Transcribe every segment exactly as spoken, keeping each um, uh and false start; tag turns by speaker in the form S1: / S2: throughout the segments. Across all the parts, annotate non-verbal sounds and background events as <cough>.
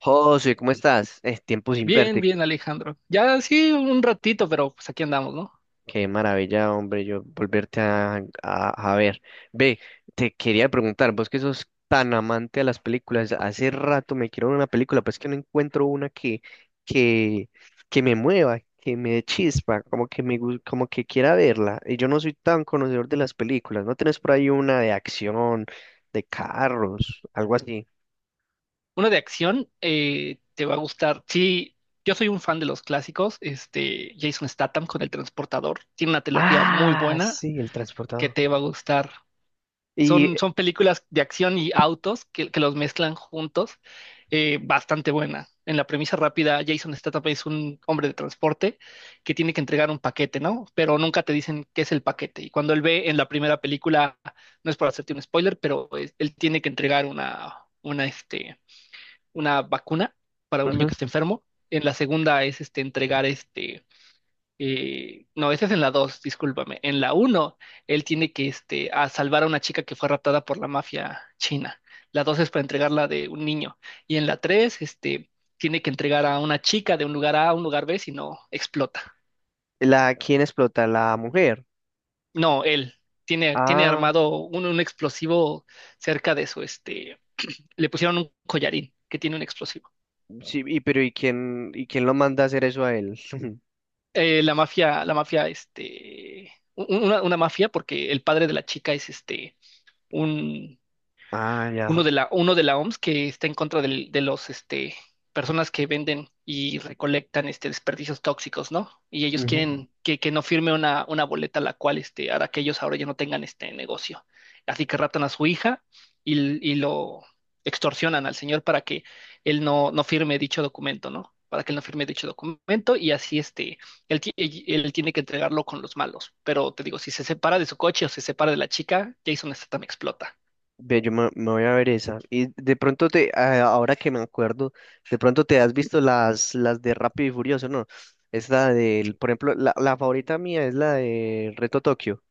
S1: José, ¿cómo estás? Es tiempo sin
S2: Bien,
S1: verte.
S2: bien, Alejandro. Ya sí, un ratito, pero pues aquí andamos, ¿no?
S1: Qué maravilla, hombre, yo volverte a, a- a ver. Ve, te quería preguntar, vos que sos tan amante a las películas, hace rato me quiero ver una película, pero es que no encuentro una que, que, que me mueva, que me dé chispa, como que me, gus- como que quiera verla. Y yo no soy tan conocedor de las películas. ¿No tenés por ahí una de acción, de carros, algo así?
S2: Uno de acción, eh, te va a gustar. Sí, yo soy un fan de los clásicos. Este, Jason Statham con El Transportador. Tiene una trilogía muy
S1: Ah,
S2: buena
S1: sí, el
S2: que
S1: transportador.
S2: te va a gustar.
S1: Y,
S2: Son, son películas de acción y autos que, que los mezclan juntos. eh, bastante buena. En la premisa rápida, Jason Statham es un hombre de transporte que tiene que entregar un paquete, ¿no? Pero nunca te dicen qué es el paquete. Y cuando él ve en la primera película, no es por hacerte un spoiler, pero eh, él tiene que entregar una, una, este, una vacuna para un niño
S1: ujú.
S2: que está enfermo. En la segunda es este, entregar este, eh, no, ese es en la dos. Discúlpame. En la uno, él tiene que este, a salvar a una chica que fue raptada por la mafia china. La dos es para entregarla de un niño. Y en la tres, este, tiene que entregar a una chica de un lugar A a un lugar B, si no, explota.
S1: La, ¿quién explota? La mujer.
S2: No, él tiene, tiene
S1: Ah,
S2: armado un, un explosivo cerca de su, este, le pusieron un collarín que tiene un explosivo.
S1: sí, y pero ¿y quién, y quién lo manda a hacer eso a él? <laughs>
S2: Eh, la mafia, la mafia, este, un- una, una mafia, porque el padre de la chica es este, un
S1: Ah,
S2: uno
S1: ya.
S2: de la, uno de la O M S que está en contra del- de los, este, personas que venden y recolectan, este, desperdicios tóxicos, ¿no? Y ellos
S1: Ujú.
S2: quieren que, que no firme una, una boleta la cual, este, hará que ellos ahora ya no tengan este negocio. Así que raptan a su hija y, l- y lo extorsionan al señor para que él no, no firme dicho documento, ¿no? Para que él no firme dicho documento y así, este, él, ti- él- él tiene que entregarlo con los malos. Pero te digo, si se separa de su coche o se separa de la chica, Jason Statham explota.
S1: Ve, yo me, me voy a ver esa. Y de pronto te, ah, ahora que me acuerdo, de pronto te has visto las, las de Rápido y Furioso, ¿no? Es la del, por ejemplo, la, la favorita mía es la de Reto Tokio,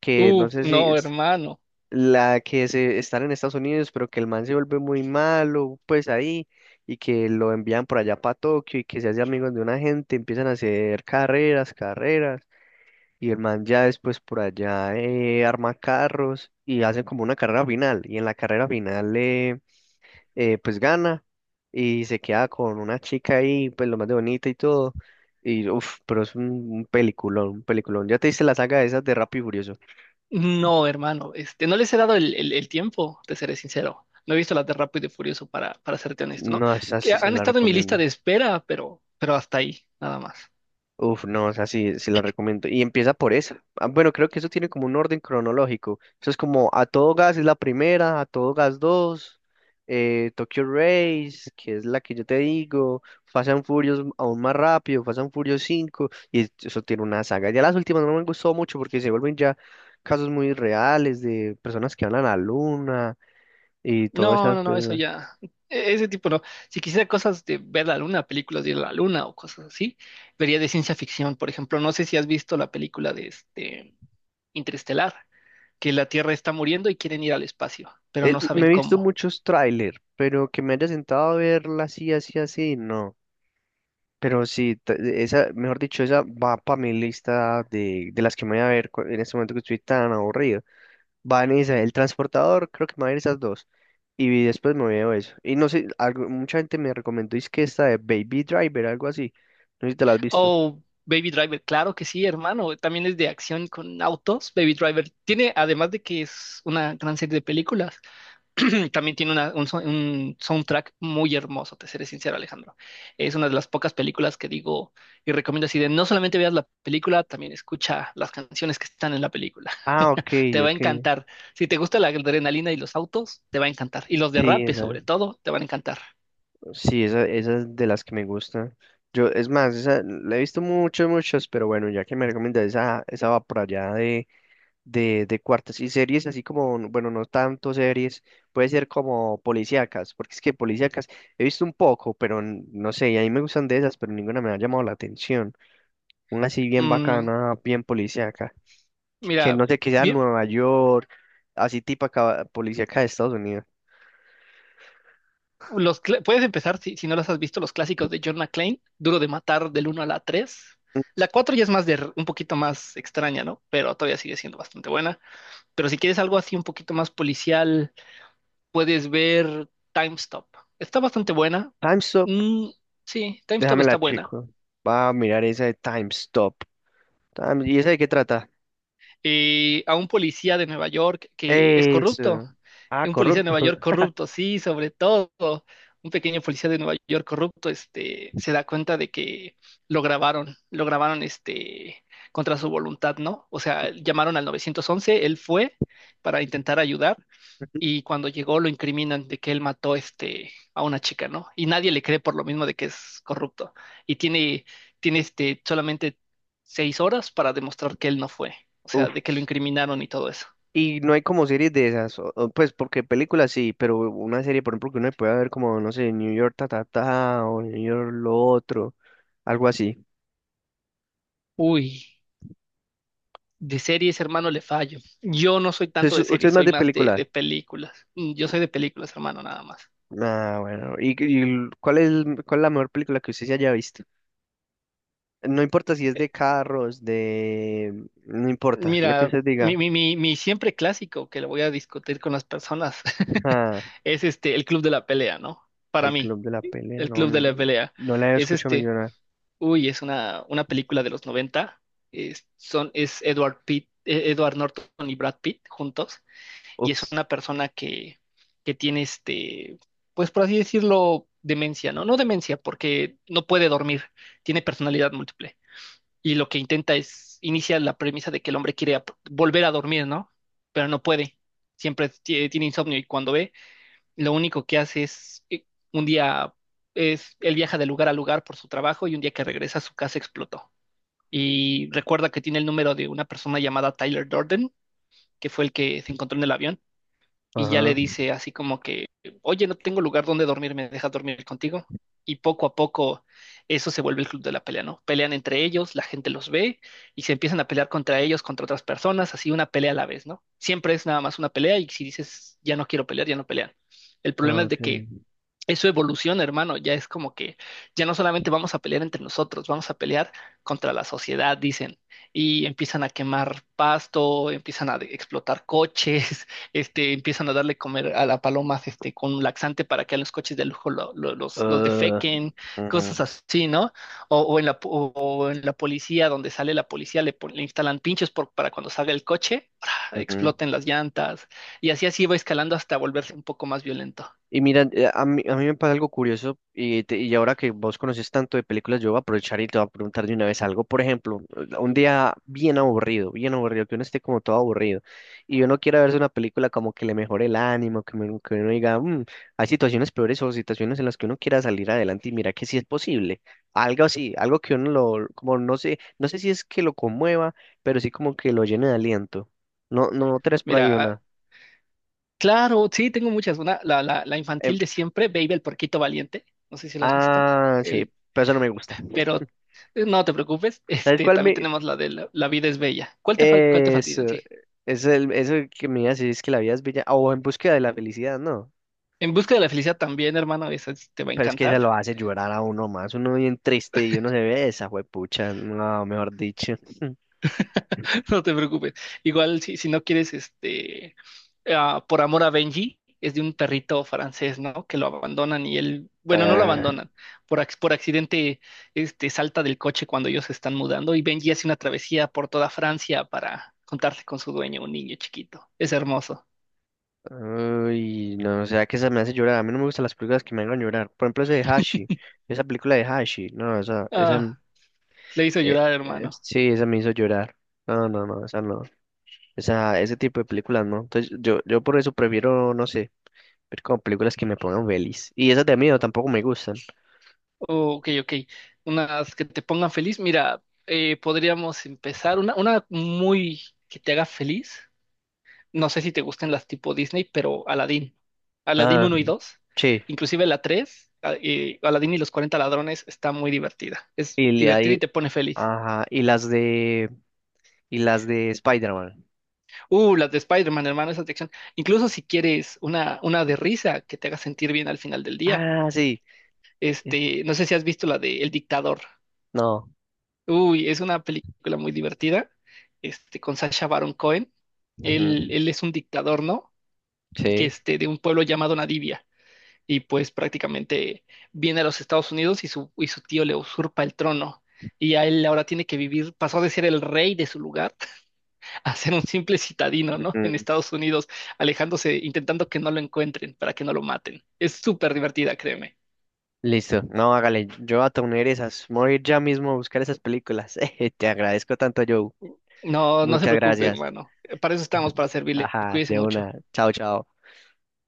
S1: que no
S2: Uf,
S1: sé si.
S2: no, hermano.
S1: La que se están en Estados Unidos, pero que el man se vuelve muy malo, pues ahí, y que lo envían por allá para Tokio y que se hace amigos de una gente, empiezan a hacer carreras, carreras, y el man ya después por allá eh, arma carros y hacen como una carrera final, y en la carrera final eh, eh, pues gana y se queda con una chica ahí, pues lo más de bonita y todo. Y uff, pero es un, un peliculón, un peliculón. ¿Ya te diste la saga de esas de Rápido y Furioso?
S2: No, hermano. Este, no les he dado el, el- el tiempo, te seré sincero. No he visto las de Rápido y Furioso para, para serte honesto, ¿no?
S1: No, esa
S2: Que
S1: sí se
S2: han
S1: la
S2: estado en mi lista
S1: recomiendo.
S2: de espera, pero, pero hasta ahí, nada más.
S1: Uf, no, o sea, sí, sí la recomiendo. Y empieza por esa. Ah, bueno, creo que eso tiene como un orden cronológico. Eso es como A Todo Gas es la primera, A Todo Gas dos, eh, Tokyo Race, que es la que yo te digo, Fast and Furious aún más rápido, Fast and Furious cinco y es- eso tiene una saga. Ya las últimas no me gustó mucho porque se vuelven ya casos muy reales de personas que van a la luna y todas
S2: No,
S1: esas
S2: no, no, eso
S1: cosas.
S2: ya. e- Ese tipo no. Si quisiera cosas de ver la luna, películas de la luna o cosas así, vería de ciencia ficción. Por ejemplo, no sé si has visto la película de este Interestelar, que la Tierra está muriendo y quieren ir al espacio, pero
S1: Eh,
S2: no
S1: me
S2: saben
S1: he visto
S2: cómo.
S1: muchos tráiler, pero que me haya sentado a verla así, así, así, no. Pero sí, t- esa, mejor dicho, esa va para mi lista de, de las que me voy a ver cu- en este momento que estoy tan aburrido. Va en esa, el transportador, creo que me voy a ver esas dos. Y después me veo eso. Y no sé, algo, mucha gente me recomendó, es que esta de Baby Driver, algo así. No sé si te la has visto.
S2: Oh, Baby Driver, claro que sí, hermano. También es de acción con autos. Baby Driver tiene, además de que es una gran serie de películas, <clears throat> también tiene una- un, so- un soundtrack muy hermoso, te seré sincero, Alejandro. Es una de las pocas películas que digo y recomiendo así de no solamente veas la película, también escucha las canciones que están en la película.
S1: Ah, ok,
S2: <laughs> Te va a
S1: ok.
S2: encantar. Si te gusta la adrenalina y los autos, te va a encantar. Y los
S1: Sí,
S2: derrapes,
S1: esa,
S2: sobre todo, te van a encantar.
S1: sí, esa, esa es de las que me gusta. Yo, es más, esa la he visto muchas, muchas, pero bueno, ya que me recomiendas esa, esa va por allá de, de cuartos y series así como, bueno, no tanto series, puede ser como policíacas, porque es que policíacas he visto un poco, pero n- no sé, y a mí me gustan de esas, pero ninguna me ha llamado la atención. Una así bien
S2: Mm,
S1: bacana, bien policíaca, que
S2: mira.
S1: no sé, que sea
S2: Bien.
S1: Nueva York, así tipo acá, policíaca de Estados Unidos.
S2: Los cla- puedes empezar, si, si no las has visto, los clásicos de John McClane, Duro de Matar del uno a la tres. La cuatro ya es más de, r- un poquito más extraña, ¿no? Pero todavía sigue siendo bastante buena. Pero si quieres algo así un poquito más policial, puedes ver Time Stop. Está bastante buena.
S1: Time Stop,
S2: Mm, sí, Time Stop
S1: déjamela
S2: está buena.
S1: chico. Va a mirar esa de Time Stop. Time- ¿Y esa de qué trata?
S2: eh, a un policía de Nueva York que es corrupto.
S1: Eso. Ah,
S2: Un policía de Nueva
S1: corrupto.
S2: York
S1: <laughs>
S2: corrupto, sí, sobre todo. Un pequeño policía de Nueva York corrupto, este, se da cuenta de que lo grabaron, lo grabaron, este, contra su voluntad, ¿no? O sea, llamaron al nueve once, él fue para intentar ayudar
S1: Ujú.
S2: y cuando llegó lo incriminan de que él mató este, a una chica, ¿no? Y nadie le cree por lo mismo de que es corrupto. Y tiene, tiene este, solamente seis horas para demostrar que él no fue, o sea,
S1: Uf,
S2: de que lo incriminaron y todo eso.
S1: y no hay como series de esas, o- o, pues porque películas sí, pero una serie, por ejemplo, que uno puede ver como, no sé, New York ta ta ta o New York lo otro, algo así.
S2: Uy, de series, hermano, le fallo. Yo no soy tanto
S1: Es-
S2: de
S1: ¿Usted es
S2: series,
S1: más
S2: soy
S1: de
S2: más de,
S1: películas?
S2: de películas. Mm, Yo soy de películas, hermano, nada más.
S1: Ah, bueno. ¿Y, y cuál es, cuál es la mejor película que usted se haya visto? No importa si es
S2: Eh,
S1: de carros, de... No importa, lo que
S2: Mira,
S1: usted
S2: mi,
S1: diga.
S2: mi, mi, mi siempre clásico que lo voy a discutir con las personas <laughs>
S1: Ah,
S2: es este, el club de la pelea, ¿no? Para
S1: el
S2: mí.
S1: Club de la Pelea,
S2: El
S1: no,
S2: Club de la Pelea.
S1: no la he
S2: Es
S1: escuchado
S2: este,
S1: mencionar.
S2: uy, es una, una película de los noventa. Es, son, es Edward Pitt, eh, Edward Norton y Brad Pitt juntos. Y es
S1: Uf,
S2: una persona que, que tiene este, pues por así decirlo, demencia, ¿no? No demencia, porque no puede dormir. Tiene personalidad múltiple. Y lo que intenta es, inicia la premisa de que el hombre quiere ap- volver a dormir, ¿no? Pero no puede. Siempre tie- tiene insomnio y cuando ve lo único que hace es eh, un día es él viaja de lugar a lugar por su trabajo y un día que regresa su casa explotó. Y recuerda que tiene el número de una persona llamada Tyler Durden, que fue el que se encontró en el avión, y ya le
S1: ajá,
S2: dice así como que, oye, no tengo lugar donde dormir, ¿me dejas dormir contigo? Y poco a poco eso se vuelve el club de la pelea, ¿no? Pelean entre ellos, la gente los ve y se empiezan a pelear contra ellos, contra otras personas, así una pelea a la vez, ¿no? Siempre es nada más una pelea y si dices, ya no quiero pelear, ya no pelean. El problema
S1: ah,
S2: es
S1: ok.
S2: de que eso evoluciona, hermano. Ya es como que ya no solamente vamos a pelear entre nosotros, vamos a pelear contra la sociedad, dicen. Y empiezan a quemar pasto, empiezan a de- explotar coches, <laughs> este, empiezan a darle comer a las palomas, este, con un laxante para que a los coches de lujo lo- lo- los, los
S1: Ah,
S2: defequen, cosas
S1: ujú,
S2: así, ¿no? O, o en la, po- o en la policía, donde sale la policía, le, pon- le instalan pinchos por- para cuando salga el coche, <smacks lips>
S1: ujú.
S2: exploten las llantas. Y así así va escalando hasta volverse un poco más violento.
S1: Y mira, eh, a mí, a mí me pasa algo curioso y, te- y ahora que vos conoces tanto de películas, yo voy a aprovechar y te voy a preguntar de una vez algo. Por ejemplo, un día bien aburrido, bien aburrido, que uno esté como todo aburrido y uno quiera verse una película como que le mejore el ánimo, que, me- que uno diga, "Mm, hay situaciones peores o situaciones en las que uno quiera salir adelante y mira que sí es posible. Algo así, algo que uno lo, como no sé, no sé si es que lo conmueva, pero sí como que lo llene de aliento. No, no, tres por ahí
S2: Mira,
S1: una.
S2: claro, sí, tengo muchas. Una, la, la, la
S1: Em,
S2: infantil de siempre, Baby el Porquito Valiente. No sé si lo has visto.
S1: ah, sí,
S2: El,
S1: pero eso no me gusta.
S2: pero eh, no te preocupes. <laughs>
S1: Tal
S2: Este,
S1: cual
S2: también
S1: me...
S2: tenemos la de La, la vida es bella. ¿Cuál te falta, cuál te falta
S1: Eso,
S2: a ti?
S1: es el, eso que me iba a decir es que la vida es bella, o en búsqueda de la felicidad, no.
S2: En busca de la felicidad también, hermano, esa es- te va a
S1: Pero es que ella
S2: encantar.
S1: lo hace llorar a uno más, uno bien triste y uno se ve esa juepucha, no, mejor dicho. <laughs>
S2: <laughs> No te preocupes. Igual si, si no quieres este eh, ah, por amor a Benji, es de un perrito francés, ¿no? Que lo abandonan y él, bueno, no lo
S1: Ah,
S2: abandonan, por, ac- por accidente, este, salta del coche cuando ellos se están mudando y Benji hace una travesía por toda Francia para contarse con su dueño, un niño chiquito. Es hermoso.
S1: uy, no, o sea que esa me hace llorar, a mí no me gustan las películas que me hagan llorar. Por ejemplo, ese de Hashi, esa película de Hashi, no, esa, esa,
S2: Ah, le hizo
S1: eh,
S2: llorar,
S1: eh,
S2: hermano.
S1: sí, esa me hizo llorar. No, no, no, esa no, esa, ese tipo de películas no. Entonces yo, yo por eso prefiero, no sé. Ver como películas que me pongan feliz. Y esas de miedo tampoco me gustan.
S2: Oh, ok, ok. Unas que te pongan feliz. Mira, eh, podríamos empezar una, una muy que te haga feliz. No sé si te gustan las tipo Disney, pero Aladdin. Aladdin
S1: Ah,
S2: uno y dos,
S1: sí.
S2: inclusive la tres, a- eh, Aladdin y los cuarenta ladrones, está muy divertida. Es
S1: Y le-
S2: divertida y
S1: ahí,
S2: te pone feliz.
S1: ajá. Y las de, y las de Spider-Man.
S2: Uh, las de Spider-Man, hermano, esas de acción. Incluso si quieres una, una de risa que te haga sentir bien al final del día.
S1: Ah, sí. Eh,
S2: Este, no sé si has visto la de El Dictador.
S1: no.
S2: Uy, es una película muy divertida, este, con Sacha Baron Cohen.
S1: Ujú.
S2: Él, él es un dictador, ¿no? Que
S1: Sí.
S2: este, de un pueblo llamado Nadivia. Y pues prácticamente viene a los Estados Unidos y su, y su tío le usurpa el trono. Y a él ahora tiene que vivir, pasó de ser el rey de su lugar <laughs> a ser un simple citadino, ¿no? En
S1: Ujú.
S2: Estados Unidos, alejándose, intentando que no lo encuentren, para que no lo maten. Es súper divertida, créeme.
S1: Listo. No, hágale. Yo voy a tener esas. Me voy a ir ya mismo a buscar esas películas. <laughs> Te agradezco tanto, Joe.
S2: No, no se
S1: Muchas
S2: preocupe,
S1: gracias.
S2: hermano. Para eso estamos, para
S1: <laughs>
S2: servirle.
S1: Ajá,
S2: Cuídese
S1: de
S2: mucho.
S1: una. Chao, chao.